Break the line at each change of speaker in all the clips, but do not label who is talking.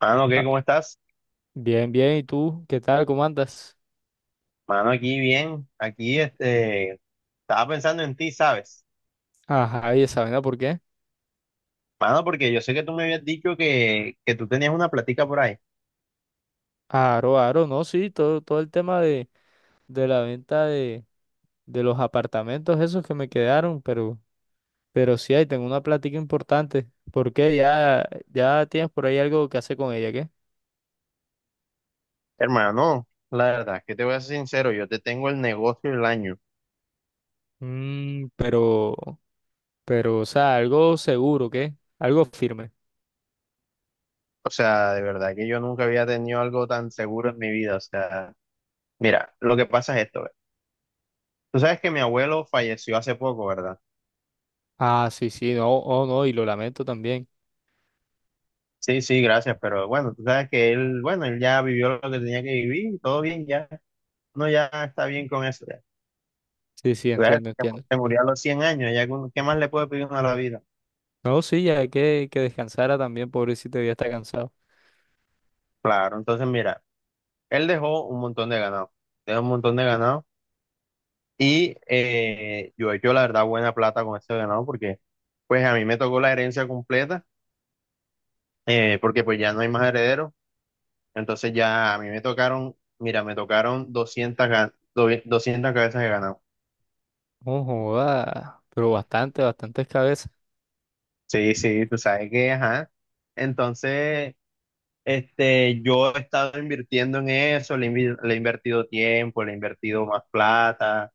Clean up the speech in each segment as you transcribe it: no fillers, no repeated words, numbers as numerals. Mano, ¿qué?
Ah,
¿Cómo estás?
bien, bien. ¿Y tú? ¿Qué tal? ¿Cómo andas?
Mano, aquí bien. Aquí, estaba pensando en ti, ¿sabes?
Ajá, ¿y esa vaina por qué?
Mano, porque yo sé que tú me habías dicho que tú tenías una platica por ahí.
Aro, aro, no, sí, todo el tema de, la venta de los apartamentos esos que me quedaron, pero sí, ahí tengo una plática importante. ¿Por qué? Ya, ya tienes por ahí algo que hacer con ella, ¿qué?
Hermano, la verdad, que te voy a ser sincero, yo te tengo el negocio del año.
Mm, pero, pero, o sea, algo seguro, ¿qué? Algo firme.
O sea, de verdad que yo nunca había tenido algo tan seguro en mi vida. O sea, mira, lo que pasa es esto, ve. Tú sabes que mi abuelo falleció hace poco, ¿verdad?
Ah, sí, sí, no, oh, no, y lo lamento también.
Sí, sí, gracias, pero bueno, tú sabes que él, bueno, él ya vivió lo que tenía que vivir, todo bien ya. No, ya está bien con eso.
Sí, sí,
Claro,
entiendo, entiendo.
se murió a los 100 años. Qué más le puede pedir uno a la vida?
No, sí, ya hay que descansara también, pobrecito, ya está cansado.
Claro, entonces mira, él dejó un montón de ganado, dejó un montón de ganado y yo he hecho la verdad buena plata con ese ganado, porque pues a mí me tocó la herencia completa, porque pues ya no hay más herederos. Entonces ya a mí me tocaron, mira, me tocaron 200 cabezas de ganado.
No joda, pero bastante, bastantes cabezas.
Sí, sí, tú sabes que, ajá. Entonces, yo he estado invirtiendo en eso, le he invertido tiempo, le he invertido más plata.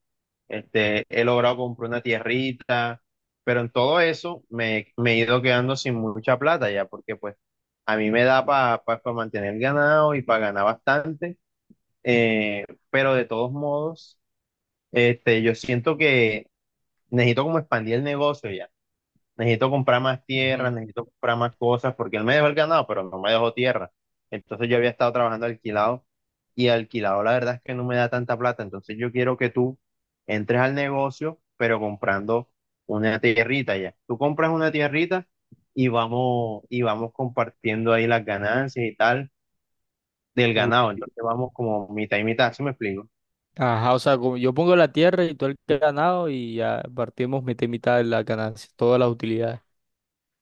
He logrado comprar una tierrita, pero en todo eso me he ido quedando sin mucha plata ya, porque pues a mí me da para pa, pa- pa mantener ganado y para ganar bastante. eh, pero de todos modos, yo siento que necesito como expandir el negocio ya. Necesito comprar más tierra,
Ujú.
necesito comprar más cosas, porque él me dejó el ganado, pero no me dejó tierra. Entonces yo había estado trabajando alquilado, y alquilado la verdad es que no me da tanta plata. Entonces yo quiero que tú entres al negocio, pero comprando una tierrita ya. Tú compras una tierrita y vamos compartiendo ahí las ganancias y tal del
Uy.
ganado. Entonces vamos como mitad y mitad, ¿sí me explico?
Ajá, o sea, como yo pongo la tierra y todo el ganado y ya partimos mitad y mitad de la ganancia, todas las utilidades.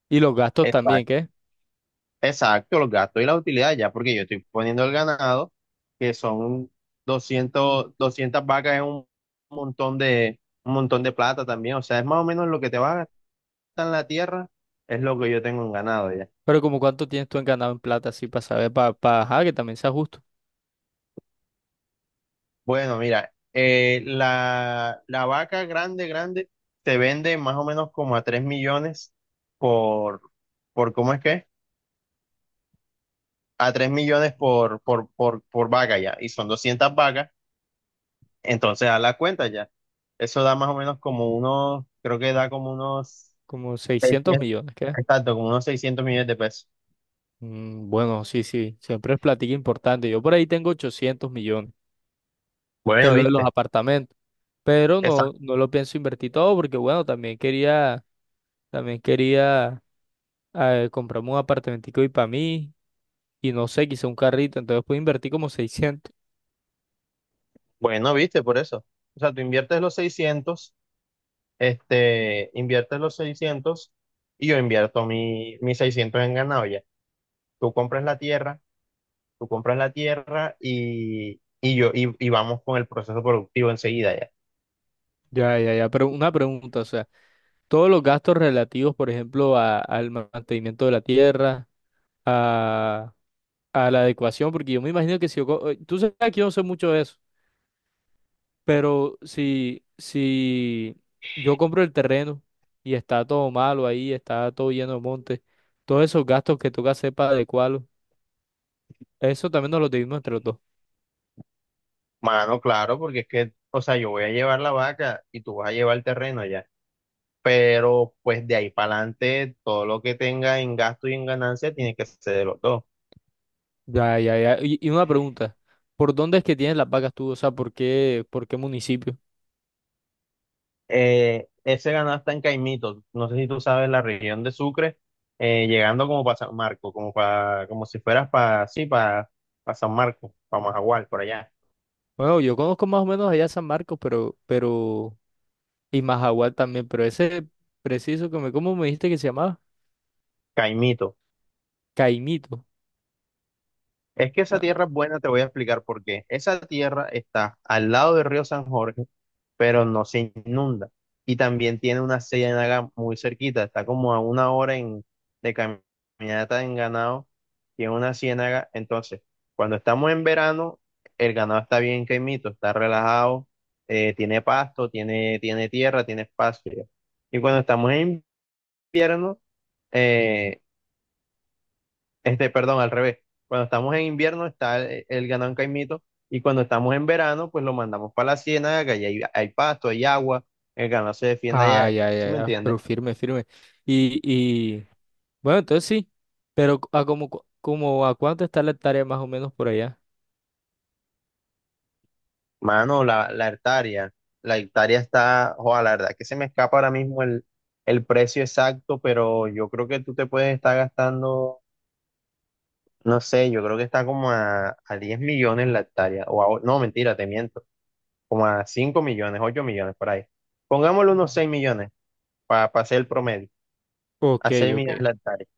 Y los gastos también, ¿qué?
Exacto, los gastos y la utilidad ya, porque yo estoy poniendo el ganado, que son 200 vacas. Es montón de, un montón de plata también. O sea, es más o menos lo que te va a gastar en la tierra, es lo que yo tengo en ganado ya.
Pero como cuánto tienes tú en ganado en plata, así para saber, para, ajá, que también sea justo.
Bueno, mira, la vaca grande, grande, se vende más o menos como a 3 millones por, ¿cómo es que? A 3 millones por vaca ya, y son 200 vacas. Entonces, a la cuenta ya. Eso da más o menos como unos, creo que da como unos
Como 600
600,
millones, ¿qué?
exacto, como unos 600 millones de pesos.
Mm, bueno, sí, sí, siempre es platica importante. Yo por ahí tengo 800 millones, que
Bueno,
es lo de los
viste,
apartamentos. Pero no,
exacto.
no lo pienso invertir todo porque, bueno, también quería, también quería. Compramos un apartamentico y para mí, y no sé, quizá un carrito, entonces puedo invertir como 600.
Bueno, viste, por eso. O sea, tú inviertes los 600, este, inviertes los 600 y yo invierto mis 600 en ganado ya. Tú compras la tierra, tú compras la tierra y vamos con el proceso productivo enseguida ya.
Ya, ya, ya, pero una pregunta, o sea, todos los gastos relativos, por ejemplo, al mantenimiento de la tierra, a, a, la adecuación, porque yo me imagino que si yo, tú sabes que yo no sé mucho de eso, pero si yo compro el terreno y está todo malo ahí, está todo lleno de monte, todos esos gastos que toca hacer para adecuarlo, eso también nos los dividimos entre los dos.
Mano, claro, porque es que, o sea, yo voy a llevar la vaca y tú vas a llevar el terreno ya. Pero pues de ahí para adelante todo lo que tenga en gasto y en ganancia tiene que ser de los dos.
Ya, ya, ya. Y una pregunta, ¿por dónde es que tienes las vacas tú? O sea, ¿por qué, municipio?
Ese ganado está en Caimito, no sé si tú sabes la región de Sucre, llegando como para San Marco, como para, como si fueras para, sí, para San Marco, para Majagual, por allá.
Bueno, yo conozco más o menos allá San Marcos, pero, y Majagual también, pero ese preciso que me, ¿cómo me dijiste que se llamaba?
Caimito.
Caimito.
Es que esa
Ah,
tierra es buena, te voy a explicar por qué. Esa tierra está al lado del río San Jorge, pero no se inunda. Y también tiene una ciénaga muy cerquita, está como a una hora de caminata en ganado, tiene una ciénaga. Entonces, cuando estamos en verano, el ganado está bien quemito, está relajado. Tiene pasto, tiene tierra, tiene espacio. Y cuando estamos en invierno, eh, perdón, al revés. Cuando estamos en invierno está el ganado en Caimito, y cuando estamos en verano pues lo mandamos para la ciénaga, que allá hay pasto, hay agua, el ganado se defiende
ah,
allá.
ya,
¿Sí
ya,
me
ya,
entiendes?
pero firme, firme. Y, bueno, entonces sí, pero como a cuánto está la hectárea más o menos por allá.
Mano, la hectárea está, joder, la verdad que se me escapa ahora mismo el precio exacto, pero yo creo que tú te puedes estar gastando, no sé, yo creo que está como a 10 millones la hectárea, no, mentira, te miento, como a 5 millones, 8 millones por ahí. Pongámosle
Ujú.
unos 6 millones para hacer el promedio. A
Ok,
seis
ok.
millas hectáreas.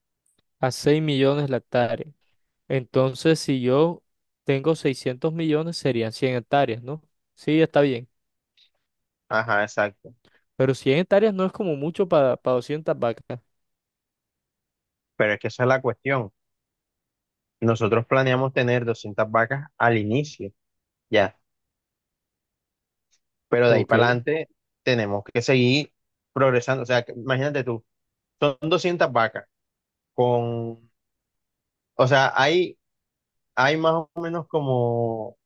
A 6 millones la hectárea. Entonces, si yo tengo 600 millones, serían 100 hectáreas, ¿no? Sí, está bien.
Ajá, exacto.
Pero 100 hectáreas no es como mucho para 200 vacas.
Pero es que esa es la cuestión. Nosotros planeamos tener 200 vacas al inicio, ya. Pero de ahí para
Ok.
adelante tenemos que seguir progresando. O sea, imagínate tú, son 200 vacas con, o sea, hay más o menos como,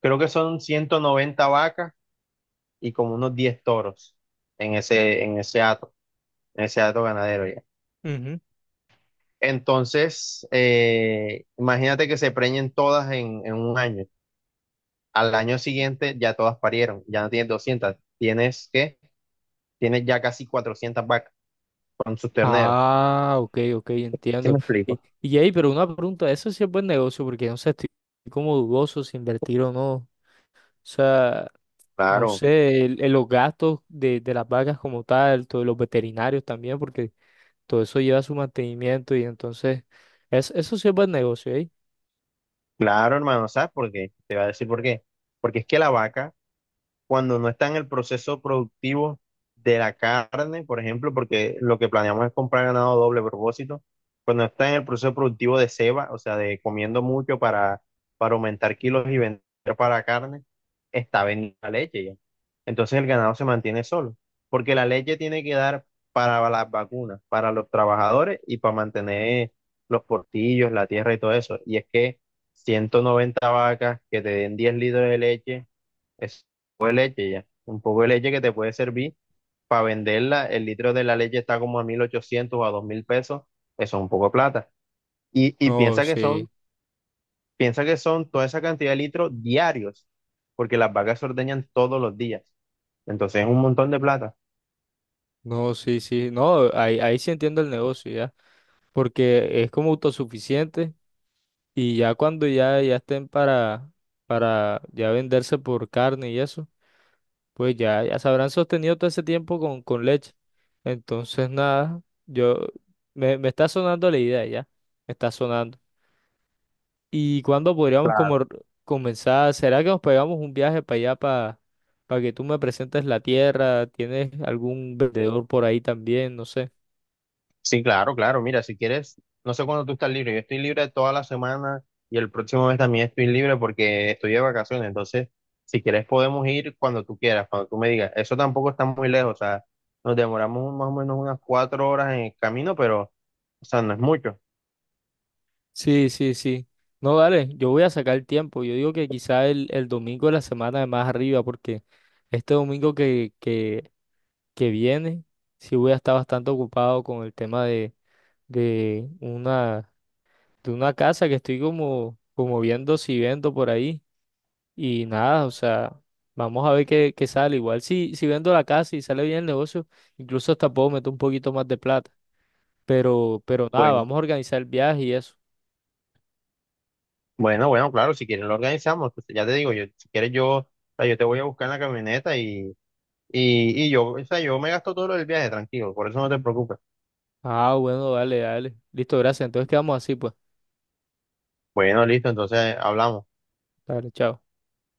creo que son 190 vacas y como unos 10 toros en en ese hato ganadero ya.
Ujú.
Entonces, imagínate que se preñen todas en un año. Al año siguiente ya todas parieron, ya no tienes 200, tienes ya casi 400 vacas con sus terneros.
Ah, ok, ok,
¿Sí
entiendo.
me explico?
Y ahí, pero una pregunta, eso sí es buen negocio, porque no sé, estoy como dudoso si invertir o no. O sea, no
Claro,
sé, los gastos de, las vacas como tal, todos los veterinarios también, porque todo eso lleva su mantenimiento y entonces, eso sí es buen negocio, ¿eh?
claro, hermano, ¿sabes por qué? Te voy a decir por qué. Porque es que la vaca, cuando no está en el proceso productivo de la carne, por ejemplo, porque lo que planeamos es comprar ganado doble propósito, cuando está en el proceso productivo de ceba, o sea, de comiendo mucho para aumentar kilos y vender para carne, está vendiendo la leche ya. Entonces el ganado se mantiene solo, porque la leche tiene que dar para las vacunas, para los trabajadores y para mantener los portillos, la tierra y todo eso. Y es que 190 vacas que te den 10 litros de leche es un poco de leche ya. Un poco de leche que te puede servir para venderla. El litro de la leche está como a 1.800 o a 2.000 pesos. Eso es un poco de plata. Y
No,
piensa que son,
sí.
toda esa cantidad de litros diarios, porque las vacas se ordeñan todos los días. Entonces es un montón de plata.
No, sí, sí, no, ahí sí entiendo el negocio ya, porque es como autosuficiente y ya cuando ya, ya estén para, ya venderse por carne y eso, pues ya, ya se habrán sostenido todo ese tiempo con leche. Entonces, nada, me está sonando la idea ya, me está sonando. ¿Y cuándo podríamos como comenzar? ¿Será que nos pegamos un viaje para allá, para que tú me presentes la tierra? ¿Tienes algún vendedor por ahí también? No sé.
Sí, claro, claro. Mira, si quieres, no sé cuándo tú estás libre. Yo estoy libre toda la semana y el próximo mes también estoy libre porque estoy de vacaciones. Entonces, si quieres, podemos ir cuando tú quieras, cuando tú me digas. Eso tampoco está muy lejos. O sea, nos demoramos más o menos unas 4 horas en el camino, pero, o sea, no es mucho.
Sí, sí, sí. No, dale, yo voy a sacar el tiempo. Yo digo que quizá el, domingo de la semana de más arriba, porque este domingo que viene, sí voy a estar bastante ocupado con el tema de una, de una casa que estoy como viendo si vendo por ahí. Y nada, o sea, vamos a ver qué, sale. Igual si vendo la casa y sale bien el negocio, incluso hasta puedo meter un poquito más de plata. Pero nada,
Bueno,
vamos a organizar el viaje y eso.
bueno, bueno, claro, si quieres lo organizamos. Pues, ya te digo, yo, si quieres yo, o sea, yo te voy a buscar en la camioneta y yo, o sea, yo me gasto todo lo del viaje, tranquilo. Por eso no te preocupes.
Ah, bueno, dale, dale. Listo, gracias. Entonces quedamos así, pues.
Bueno, listo, entonces hablamos.
Dale, chao.